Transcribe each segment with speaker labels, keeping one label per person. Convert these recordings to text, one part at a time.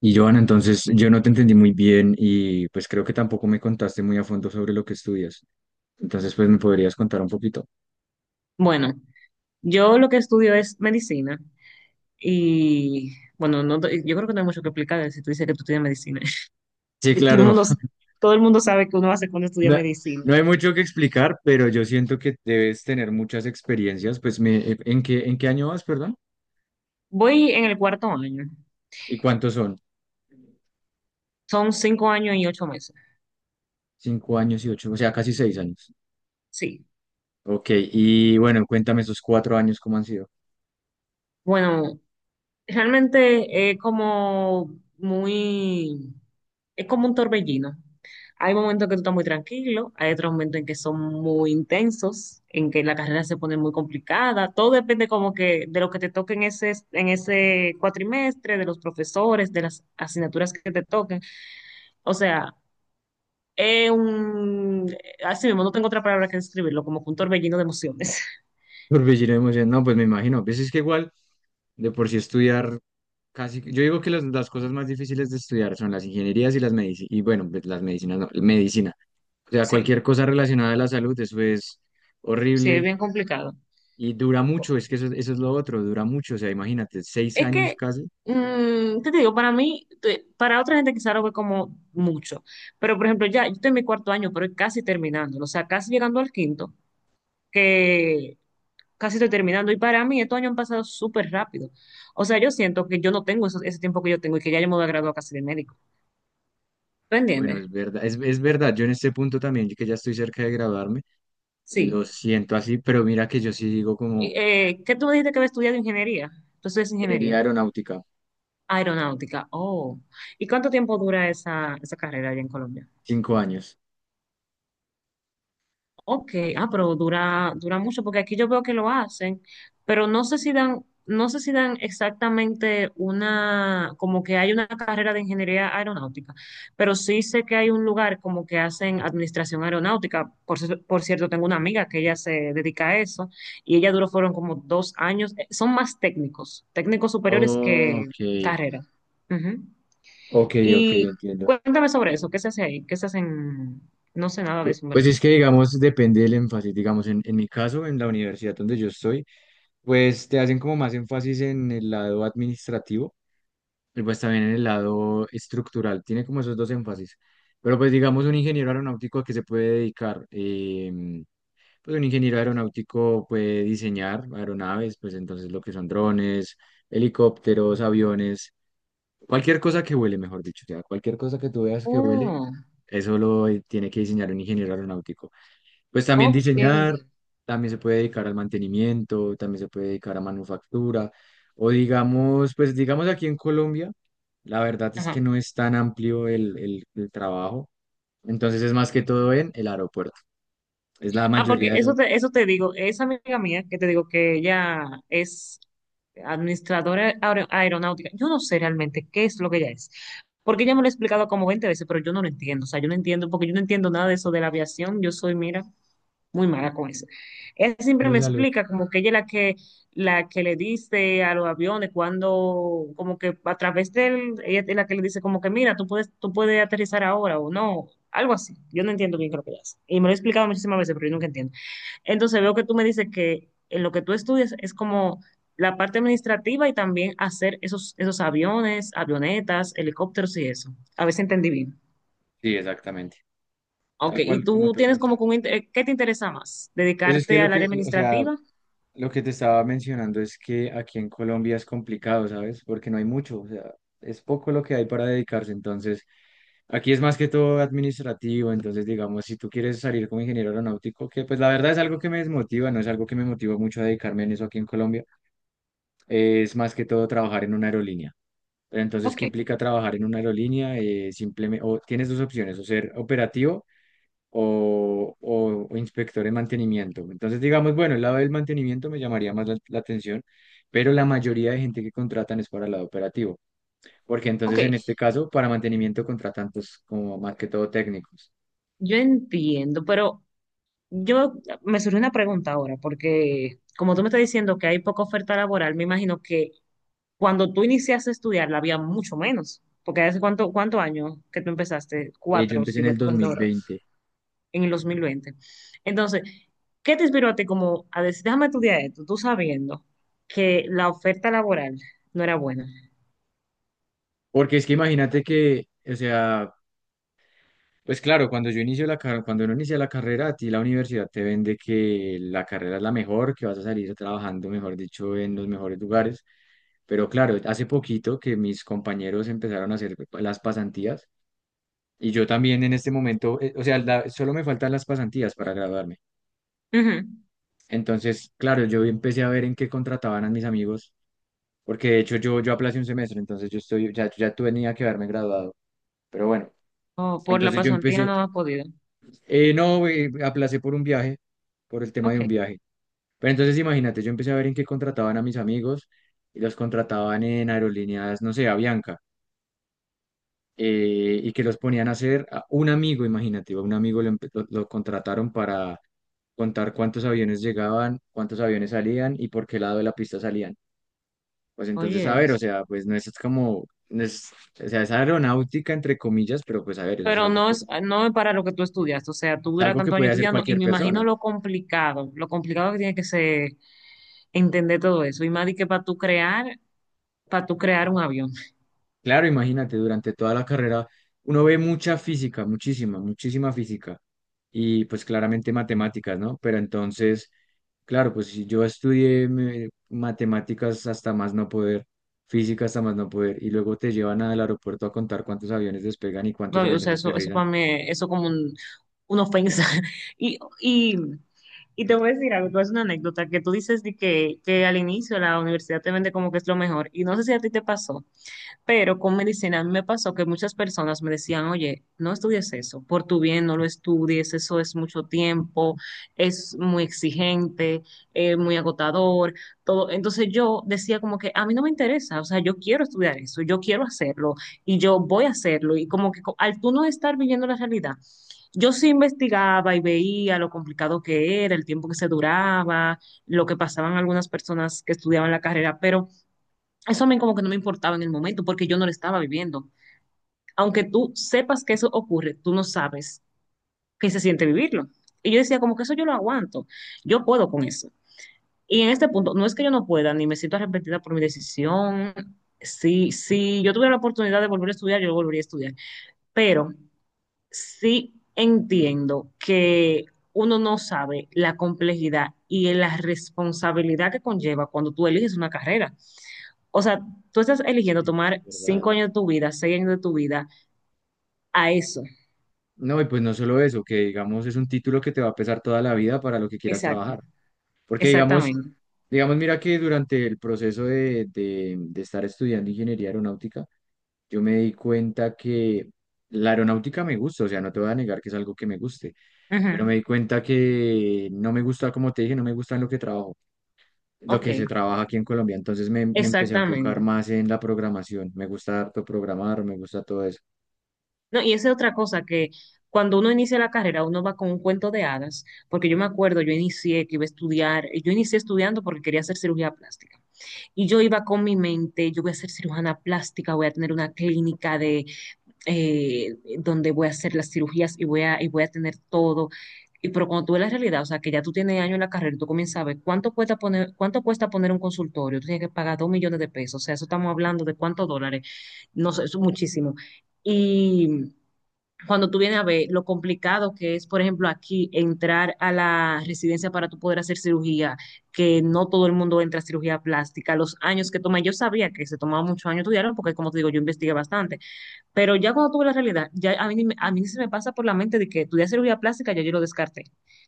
Speaker 1: Y Joana, entonces yo no te entendí muy bien y pues creo que tampoco me contaste muy a fondo sobre lo que estudias. Entonces pues me podrías contar un poquito.
Speaker 2: Bueno, yo lo que estudio es medicina y bueno, no, te- yo creo que no hay mucho que explicar si tú dices que tú estudias medicina.
Speaker 1: Sí,
Speaker 2: Y
Speaker 1: claro,
Speaker 2: todo el mundo sabe que uno hace cuando estudia
Speaker 1: no,
Speaker 2: medicina.
Speaker 1: no hay mucho que explicar, pero yo siento que debes tener muchas experiencias. Pues en qué año vas, perdón?
Speaker 2: Voy en el cuarto año.
Speaker 1: ¿Y cuántos son?
Speaker 2: Son 5 años y 8 meses.
Speaker 1: Cinco años y ocho, o sea, casi seis años.
Speaker 2: Sí.
Speaker 1: Ok, y bueno, cuéntame esos cuatro años, ¿cómo han sido?
Speaker 2: Bueno, realmente es como muy, es como un torbellino. Hay momentos que tú estás muy tranquilo, hay otros momentos en que son muy intensos, en que la carrera se pone muy complicada. Todo depende como que de lo que te toque en ese cuatrimestre, de los profesores, de las asignaturas que te toquen. O sea, es un, así mismo, no tengo otra palabra que describirlo, como que un torbellino de emociones.
Speaker 1: Torbellino de emoción. No, pues me imagino. Pues es que igual, de por sí estudiar. Casi, yo digo que las cosas más difíciles de estudiar son las ingenierías y las medicinas, y bueno, pues, las medicinas no, medicina. O sea,
Speaker 2: Sí,
Speaker 1: cualquier cosa relacionada a la salud, eso es
Speaker 2: sí, es
Speaker 1: horrible
Speaker 2: bien complicado.
Speaker 1: y dura mucho, es que eso es lo otro, dura mucho, o sea, imagínate, seis
Speaker 2: Es
Speaker 1: años
Speaker 2: que,
Speaker 1: casi.
Speaker 2: ¿qué te digo? Para mí, para otra gente quizá lo ve como mucho, pero por ejemplo, ya, yo estoy en mi cuarto año, pero casi terminándolo, o sea, casi llegando al quinto, que casi estoy terminando, y para mí estos años han pasado súper rápido. O sea, yo siento que yo no tengo ese tiempo que yo tengo y que ya yo me voy a graduar casi de médico. ¿Tú
Speaker 1: Bueno,
Speaker 2: entiendes?
Speaker 1: es verdad, es verdad, yo en este punto también, que ya estoy cerca de graduarme, lo
Speaker 2: Sí.
Speaker 1: siento así, pero mira que yo sí digo
Speaker 2: Y,
Speaker 1: como
Speaker 2: ¿Qué tú me dijiste que había estudiado ingeniería? Tú estudias
Speaker 1: ingeniería
Speaker 2: ingeniería.
Speaker 1: aeronáutica,
Speaker 2: Aeronáutica. Oh. ¿Y cuánto tiempo dura esa carrera allá en Colombia?
Speaker 1: 5 años.
Speaker 2: Ok, ah, pero dura mucho, porque aquí yo veo que lo hacen, pero no sé si dan exactamente una, como que hay una carrera de ingeniería aeronáutica, pero sí sé que hay un lugar como que hacen administración aeronáutica. Por cierto, tengo una amiga que ella se dedica a eso, y ella duró, fueron como 2 años, son más técnicos, técnicos superiores que
Speaker 1: Ok,
Speaker 2: carrera. Ujú.
Speaker 1: ok, ok,
Speaker 2: Y
Speaker 1: entiendo.
Speaker 2: cuéntame sobre eso, ¿qué se hace ahí? ¿Qué se hace en, no sé nada de
Speaker 1: Pu-
Speaker 2: eso, en
Speaker 1: Pues es que, digamos, depende del énfasis. Digamos, en mi caso, en la universidad donde yo estoy, pues te hacen como más énfasis en el lado administrativo y pues también en el lado estructural. Tiene como esos dos énfasis. Pero pues digamos, un ingeniero aeronáutico a qué se puede dedicar. Pues un ingeniero aeronáutico puede diseñar aeronaves, pues entonces lo que son drones, helicópteros, aviones, cualquier cosa que vuele, mejor dicho. O sea, cualquier cosa que tú veas que vuele,
Speaker 2: verdad.
Speaker 1: eso lo tiene que diseñar un ingeniero aeronáutico. Pues también
Speaker 2: Ok.
Speaker 1: diseñar, también se puede dedicar al mantenimiento, también se puede dedicar a manufactura, o digamos, pues digamos aquí en Colombia, la verdad es
Speaker 2: Ajá.
Speaker 1: que no es tan amplio el, el trabajo, entonces es más que todo en el aeropuerto, es la
Speaker 2: Ah, porque
Speaker 1: mayoría
Speaker 2: eso te digo, esa amiga mía que te digo que ella es administradora aeronáutica, yo no sé realmente qué es lo que ella es, porque ella me lo ha explicado como 20 veces, pero yo no lo entiendo, o sea, yo no entiendo, porque yo no entiendo nada de eso de la aviación, yo soy, mira, muy mala con eso. Ella
Speaker 1: de
Speaker 2: siempre me
Speaker 1: los alumnos.
Speaker 2: explica como que ella es la que le dice a los aviones cuando, como que a través de él, ella es la que le dice como que mira, tú puedes aterrizar ahora o no, algo así. Yo no entiendo bien qué es lo que ella hace. Y me lo he explicado muchísimas veces, pero yo nunca entiendo. Entonces veo que tú me dices que en lo que tú estudias es como la parte administrativa y también hacer esos aviones, avionetas, helicópteros y eso. A ver si entendí bien.
Speaker 1: Sí, exactamente,
Speaker 2: Ok,
Speaker 1: tal
Speaker 2: ¿y
Speaker 1: cual como
Speaker 2: tú
Speaker 1: tú lo
Speaker 2: tienes como que
Speaker 1: mencionas.
Speaker 2: un qué te interesa más?
Speaker 1: Pues es que
Speaker 2: ¿Dedicarte al área
Speaker 1: o sea,
Speaker 2: administrativa?
Speaker 1: lo que te estaba mencionando es que aquí en Colombia es complicado, ¿sabes? Porque no hay mucho, o sea, es poco lo que hay para dedicarse. Entonces, aquí es más que todo administrativo. Entonces, digamos, si tú quieres salir como ingeniero aeronáutico, que pues la verdad es algo que me desmotiva, no es algo que me motiva mucho a dedicarme en eso aquí en Colombia, es más que todo trabajar en una aerolínea. Pero entonces,
Speaker 2: Ok,
Speaker 1: ¿qué implica trabajar en una aerolínea? Simplemente, o tienes dos opciones, o ser operativo o inspector de mantenimiento. Entonces, digamos, bueno, el lado del mantenimiento me llamaría más la atención, pero la mayoría de gente que contratan es para el lado operativo, porque
Speaker 2: ok,
Speaker 1: entonces en este caso, para mantenimiento contratan pues, como más que todo técnicos.
Speaker 2: yo entiendo, pero yo me surge una pregunta ahora, porque como tú me estás diciendo que hay poca oferta laboral, me imagino que cuando tú iniciaste a estudiar la había mucho menos, porque hace cuántos años que tú empezaste,
Speaker 1: Yo
Speaker 2: cuatro,
Speaker 1: empecé
Speaker 2: si
Speaker 1: en
Speaker 2: ya
Speaker 1: el
Speaker 2: tú estás ahora,
Speaker 1: 2020,
Speaker 2: en el 2020. Entonces, ¿qué te inspiró a ti como a decir, déjame estudiar esto, tú sabiendo que la oferta laboral no era buena?
Speaker 1: porque es que imagínate que, o sea, pues claro, cuando yo inicio la carrera, cuando uno inicia la carrera, a ti la universidad te vende que la carrera es la mejor, que vas a salir trabajando, mejor dicho, en los mejores lugares. Pero claro, hace poquito que mis compañeros empezaron a hacer las pasantías y yo también en este momento, o sea, la- solo me faltan las pasantías para graduarme.
Speaker 2: Ujú.
Speaker 1: Entonces, claro, yo empecé a ver en qué contrataban a mis amigos, porque de hecho yo aplacé un semestre, entonces yo estoy, ya tenía que haberme graduado. Pero bueno,
Speaker 2: O por la
Speaker 1: entonces yo
Speaker 2: pasantía
Speaker 1: empecé,
Speaker 2: no has podido.
Speaker 1: no, aplacé por un viaje, por el tema
Speaker 2: Ok,
Speaker 1: de un viaje. Pero entonces imagínate, yo empecé a ver en qué contrataban a mis amigos y los contrataban en aerolíneas, no sé, Avianca. Y que los ponían a hacer a un amigo, imagínate, a un amigo lo contrataron para contar cuántos aviones llegaban, cuántos aviones salían y por qué lado de la pista salían. Pues entonces, a
Speaker 2: oye.
Speaker 1: ver, o sea, pues no es como, no es, o sea, es aeronáutica entre comillas, pero pues a ver, eso
Speaker 2: Pero no es para lo que tú estudias, o sea, tú
Speaker 1: es
Speaker 2: duras
Speaker 1: algo que
Speaker 2: tantos años
Speaker 1: puede hacer
Speaker 2: estudiando y
Speaker 1: cualquier
Speaker 2: me imagino
Speaker 1: persona.
Speaker 2: lo complicado que tiene que ser entender todo eso, y más de que para tú crear un avión,
Speaker 1: Claro, imagínate, durante toda la carrera uno ve mucha física, muchísima, muchísima física y pues claramente matemáticas, ¿no? Pero entonces, claro, pues si yo estudié me- matemáticas hasta más no poder, física hasta más no poder y luego te llevan al aeropuerto a contar cuántos aviones despegan y cuántos
Speaker 2: No, o
Speaker 1: aviones
Speaker 2: sea, eso
Speaker 1: aterrizan.
Speaker 2: para mí, eso como una ofensa, y, y, y te voy a decir algo, tú es una anécdota, que tú dices que al inicio la universidad te vende como que es lo mejor, y no sé si a ti te pasó. Pero con medicina a mí me pasó que muchas personas me decían, oye, no estudies eso, por tu bien no lo estudies, eso es mucho tiempo, es muy exigente, es muy agotador, todo. Entonces yo decía como que a mí no me interesa, o sea, yo quiero estudiar eso, yo quiero hacerlo y yo voy a hacerlo. Y como que al tú no estar viviendo la realidad, yo sí investigaba y veía lo complicado que era, el tiempo que se duraba, lo que pasaban algunas personas que estudiaban la carrera, pero eso a mí como que no me importaba en el momento porque yo no lo estaba viviendo. Aunque tú sepas que eso ocurre, tú no sabes qué se siente vivirlo. Y yo decía, como que eso yo lo aguanto, yo puedo con eso. Y en este punto, no es que yo no pueda, ni me siento arrepentida por mi decisión. Si yo tuviera la oportunidad de volver a estudiar, yo volvería a estudiar. Pero sí entiendo que uno no sabe la complejidad y la responsabilidad que conlleva cuando tú eliges una carrera. O sea, tú estás
Speaker 1: Sí,
Speaker 2: eligiendo
Speaker 1: es
Speaker 2: tomar
Speaker 1: verdad.
Speaker 2: 5 años de tu vida, 6 años de tu vida a eso.
Speaker 1: No, y pues no solo eso, que digamos es un título que te va a pesar toda la vida para lo que quieras
Speaker 2: Exacto,
Speaker 1: trabajar. Porque digamos,
Speaker 2: exactamente.
Speaker 1: digamos, mira que durante el proceso de de estar estudiando ingeniería aeronáutica, yo me di cuenta que la aeronáutica me gusta, o sea, no te voy a negar que es algo que me guste,
Speaker 2: Ujú,
Speaker 1: pero me di cuenta que no me gusta, como te dije, no me gusta en lo que trabajo, lo
Speaker 2: ok,
Speaker 1: que se trabaja aquí en Colombia. Entonces me empecé a enfocar
Speaker 2: exactamente.
Speaker 1: más en la programación. Me gusta harto programar, me gusta todo eso.
Speaker 2: No, y esa es otra cosa que cuando uno inicia la carrera, uno va con un cuento de hadas, porque yo me acuerdo, yo inicié que iba a estudiar, yo inicié estudiando porque quería hacer cirugía plástica. Y yo iba con mi mente, yo voy a ser cirujana plástica, voy a tener una clínica de donde voy a hacer las cirugías y voy a tener todo. Y pero cuando tú ves la realidad, o sea, que ya tú tienes años en la carrera y tú comienzas a ver cuánto cuesta poner un consultorio, tú tienes que pagar 2 millones de pesos, o sea, eso estamos hablando de cuántos dólares, no sé, eso es muchísimo. Y cuando tú vienes a ver lo complicado que es, por ejemplo, aquí entrar a la residencia para tú poder hacer cirugía, que no todo el mundo entra a cirugía plástica, los años que toma, yo sabía que se tomaba muchos años estudiarlo, porque como te digo, yo investigué bastante, pero ya cuando tuve la realidad, ya a mí, ni me- a mí ni se me pasa por la mente de que estudiar cirugía plástica, ya yo lo descarté.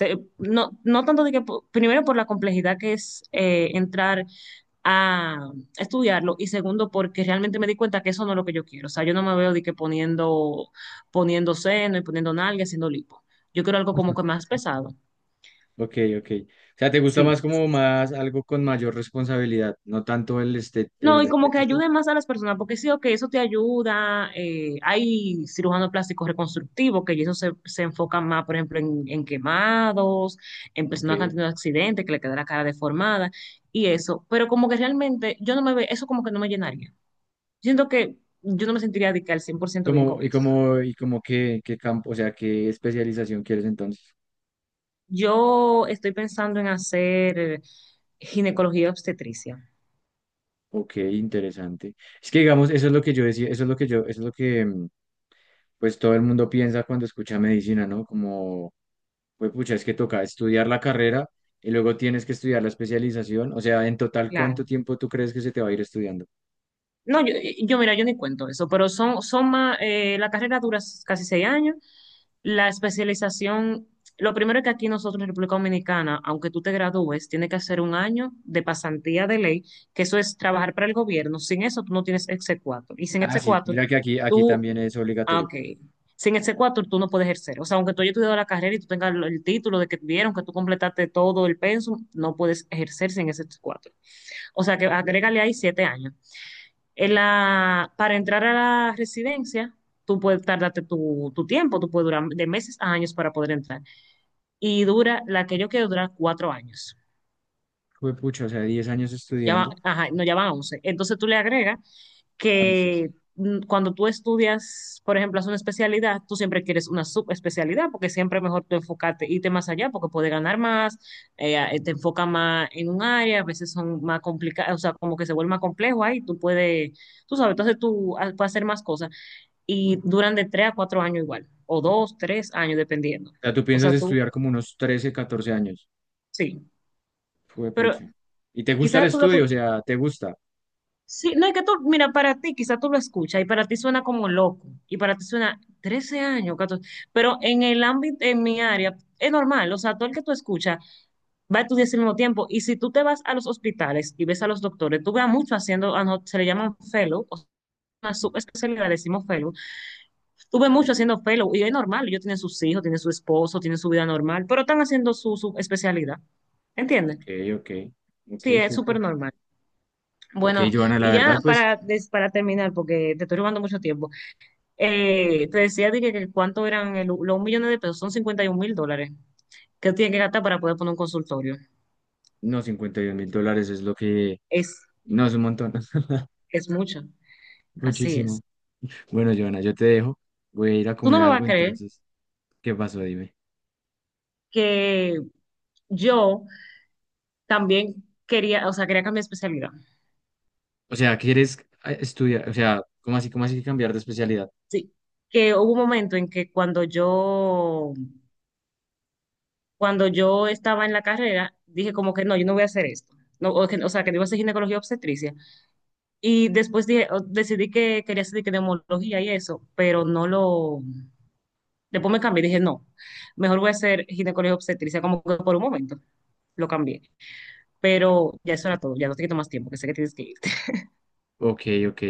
Speaker 2: O no, no tanto de que, primero por la complejidad que es entrar a estudiarlo, y segundo porque realmente me di cuenta que eso no es lo que yo quiero. O sea, yo no me veo de que poniendo seno y poniendo nalga, haciendo lipo. Yo quiero algo como que más pesado.
Speaker 1: Ok, ok. O sea, ¿te gusta
Speaker 2: Sí.
Speaker 1: más como más algo con mayor responsabilidad, no tanto el, este,
Speaker 2: No,
Speaker 1: el
Speaker 2: y como que
Speaker 1: estético?
Speaker 2: ayude más a las personas, porque sí, que eso te ayuda. Hay cirujanos plásticos reconstructivos que eso se enfocan más, por ejemplo, en quemados, en
Speaker 1: Ok.
Speaker 2: personas que han tenido accidentes, que le queda la cara deformada y eso. Pero como que realmente yo no me ve, eso como que no me llenaría. Siento que yo no me sentiría de que al cien por
Speaker 1: Y
Speaker 2: ciento bien
Speaker 1: como,
Speaker 2: con
Speaker 1: y
Speaker 2: eso.
Speaker 1: como, y como qué, qué campo, o sea, qué especialización quieres entonces.
Speaker 2: Yo estoy pensando en hacer ginecología y obstetricia.
Speaker 1: Ok, interesante. Es que digamos, eso es lo que yo decía, eso es lo que yo, eso es lo que pues todo el mundo piensa cuando escucha medicina, ¿no? Como, pues pucha, es que toca estudiar la carrera y luego tienes que estudiar la especialización. O sea, en total, ¿cuánto
Speaker 2: Claro.
Speaker 1: tiempo tú crees que se te va a ir estudiando?
Speaker 2: No, yo mira, yo ni cuento eso, pero son más, la carrera dura casi 6 años, la especialización, lo primero es que aquí nosotros en República Dominicana, aunque tú te gradúes, tienes que hacer 1 año de pasantía de ley, que eso es trabajar para el gobierno, sin eso tú no tienes exequatur, y sin
Speaker 1: Ah, sí,
Speaker 2: exequatur
Speaker 1: mira que aquí
Speaker 2: tú,
Speaker 1: también es
Speaker 2: ah,
Speaker 1: obligatorio.
Speaker 2: ok, sin exequatur tú no puedes ejercer, o sea, aunque tú hayas estudiado la carrera y tú tengas el título de que vieron que tú completaste todo el pensum, no puedes ejercer sin ese exequatur, o sea, que agrégale ahí 7 años. Para entrar a la residencia, tú puedes tardarte tu tiempo, tú puedes durar de meses a años para poder entrar. Y dura, la que yo quiero durar 4 años.
Speaker 1: Pues pucha, o sea, 10 años
Speaker 2: Ya va,
Speaker 1: estudiando,
Speaker 2: ajá, no, ya van 11. Entonces tú le agregas
Speaker 1: 11,
Speaker 2: que
Speaker 1: sí.
Speaker 2: cuando tú estudias, por ejemplo, haces una especialidad, tú siempre quieres una subespecialidad porque siempre es mejor tú enfocarte, irte más allá porque puedes ganar más, te enfoca más en un área, a veces son más complicadas, o sea, como que se vuelve más complejo ahí, tú puedes, tú sabes, entonces tú puedes hacer más cosas. Y duran de 3 a 4 años igual, o dos, tres años, dependiendo.
Speaker 1: O sea, tú
Speaker 2: O sea,
Speaker 1: piensas
Speaker 2: tú,
Speaker 1: estudiar como unos 13, 14 años.
Speaker 2: sí,
Speaker 1: Fue
Speaker 2: pero
Speaker 1: pucha. ¿Y te gusta el
Speaker 2: quizás tú lo
Speaker 1: estudio? O sea, ¿te gusta?
Speaker 2: sí, no, es que tú, mira, para ti quizás tú lo escuchas y para ti suena como loco, y para ti suena 13 años, 14, pero en el ámbito, en mi área, es normal, o sea, todo el que tú escuchas va a estudiar al mismo tiempo, y si tú te vas a los hospitales y ves a los doctores, tú veas mucho haciendo, se le llaman fellow, o sea, una subespecialidad, decimos fellow. Tuve mucho haciendo fellow y es normal, ellos tienen sus hijos, tienen su esposo, tienen su vida normal, pero están haciendo su especialidad. ¿Entiendes?
Speaker 1: Ok, ok, ok,
Speaker 2: Sí, es
Speaker 1: súper.
Speaker 2: súper normal.
Speaker 1: Ok,
Speaker 2: Bueno,
Speaker 1: Joana, la
Speaker 2: y
Speaker 1: verdad,
Speaker 2: ya
Speaker 1: pues,
Speaker 2: para, para terminar, porque te estoy robando mucho tiempo, te decía de que cuánto eran los millones de pesos, son $51,000 que tiene que gastar para poder poner un consultorio.
Speaker 1: no, $52,000 es lo que...
Speaker 2: Es,
Speaker 1: No, es un montón.
Speaker 2: es mucho, así es.
Speaker 1: Muchísimo. Bueno, Joana, yo te dejo. Voy a ir a
Speaker 2: Tú no
Speaker 1: comer
Speaker 2: me vas a
Speaker 1: algo,
Speaker 2: creer
Speaker 1: entonces, ¿qué pasó? Dime.
Speaker 2: que yo también quería, o sea, quería cambiar de especialidad.
Speaker 1: O sea, ¿quieres estudiar? O sea, cómo así que cambiar de especialidad?
Speaker 2: Sí, que hubo un momento en que cuando yo estaba en la carrera, dije como que no, yo no voy a hacer esto. No, o, o sea, que no iba a hacer ginecología y obstetricia. Y después dije, decidí que quería hacer que neumología y eso, pero no lo... Después me cambié, dije, no, mejor voy a hacer ginecología y obstetricia, como que por un momento lo cambié. Pero ya eso era todo, ya no te quito más tiempo, que sé que tienes que ir.
Speaker 1: Ok, ok.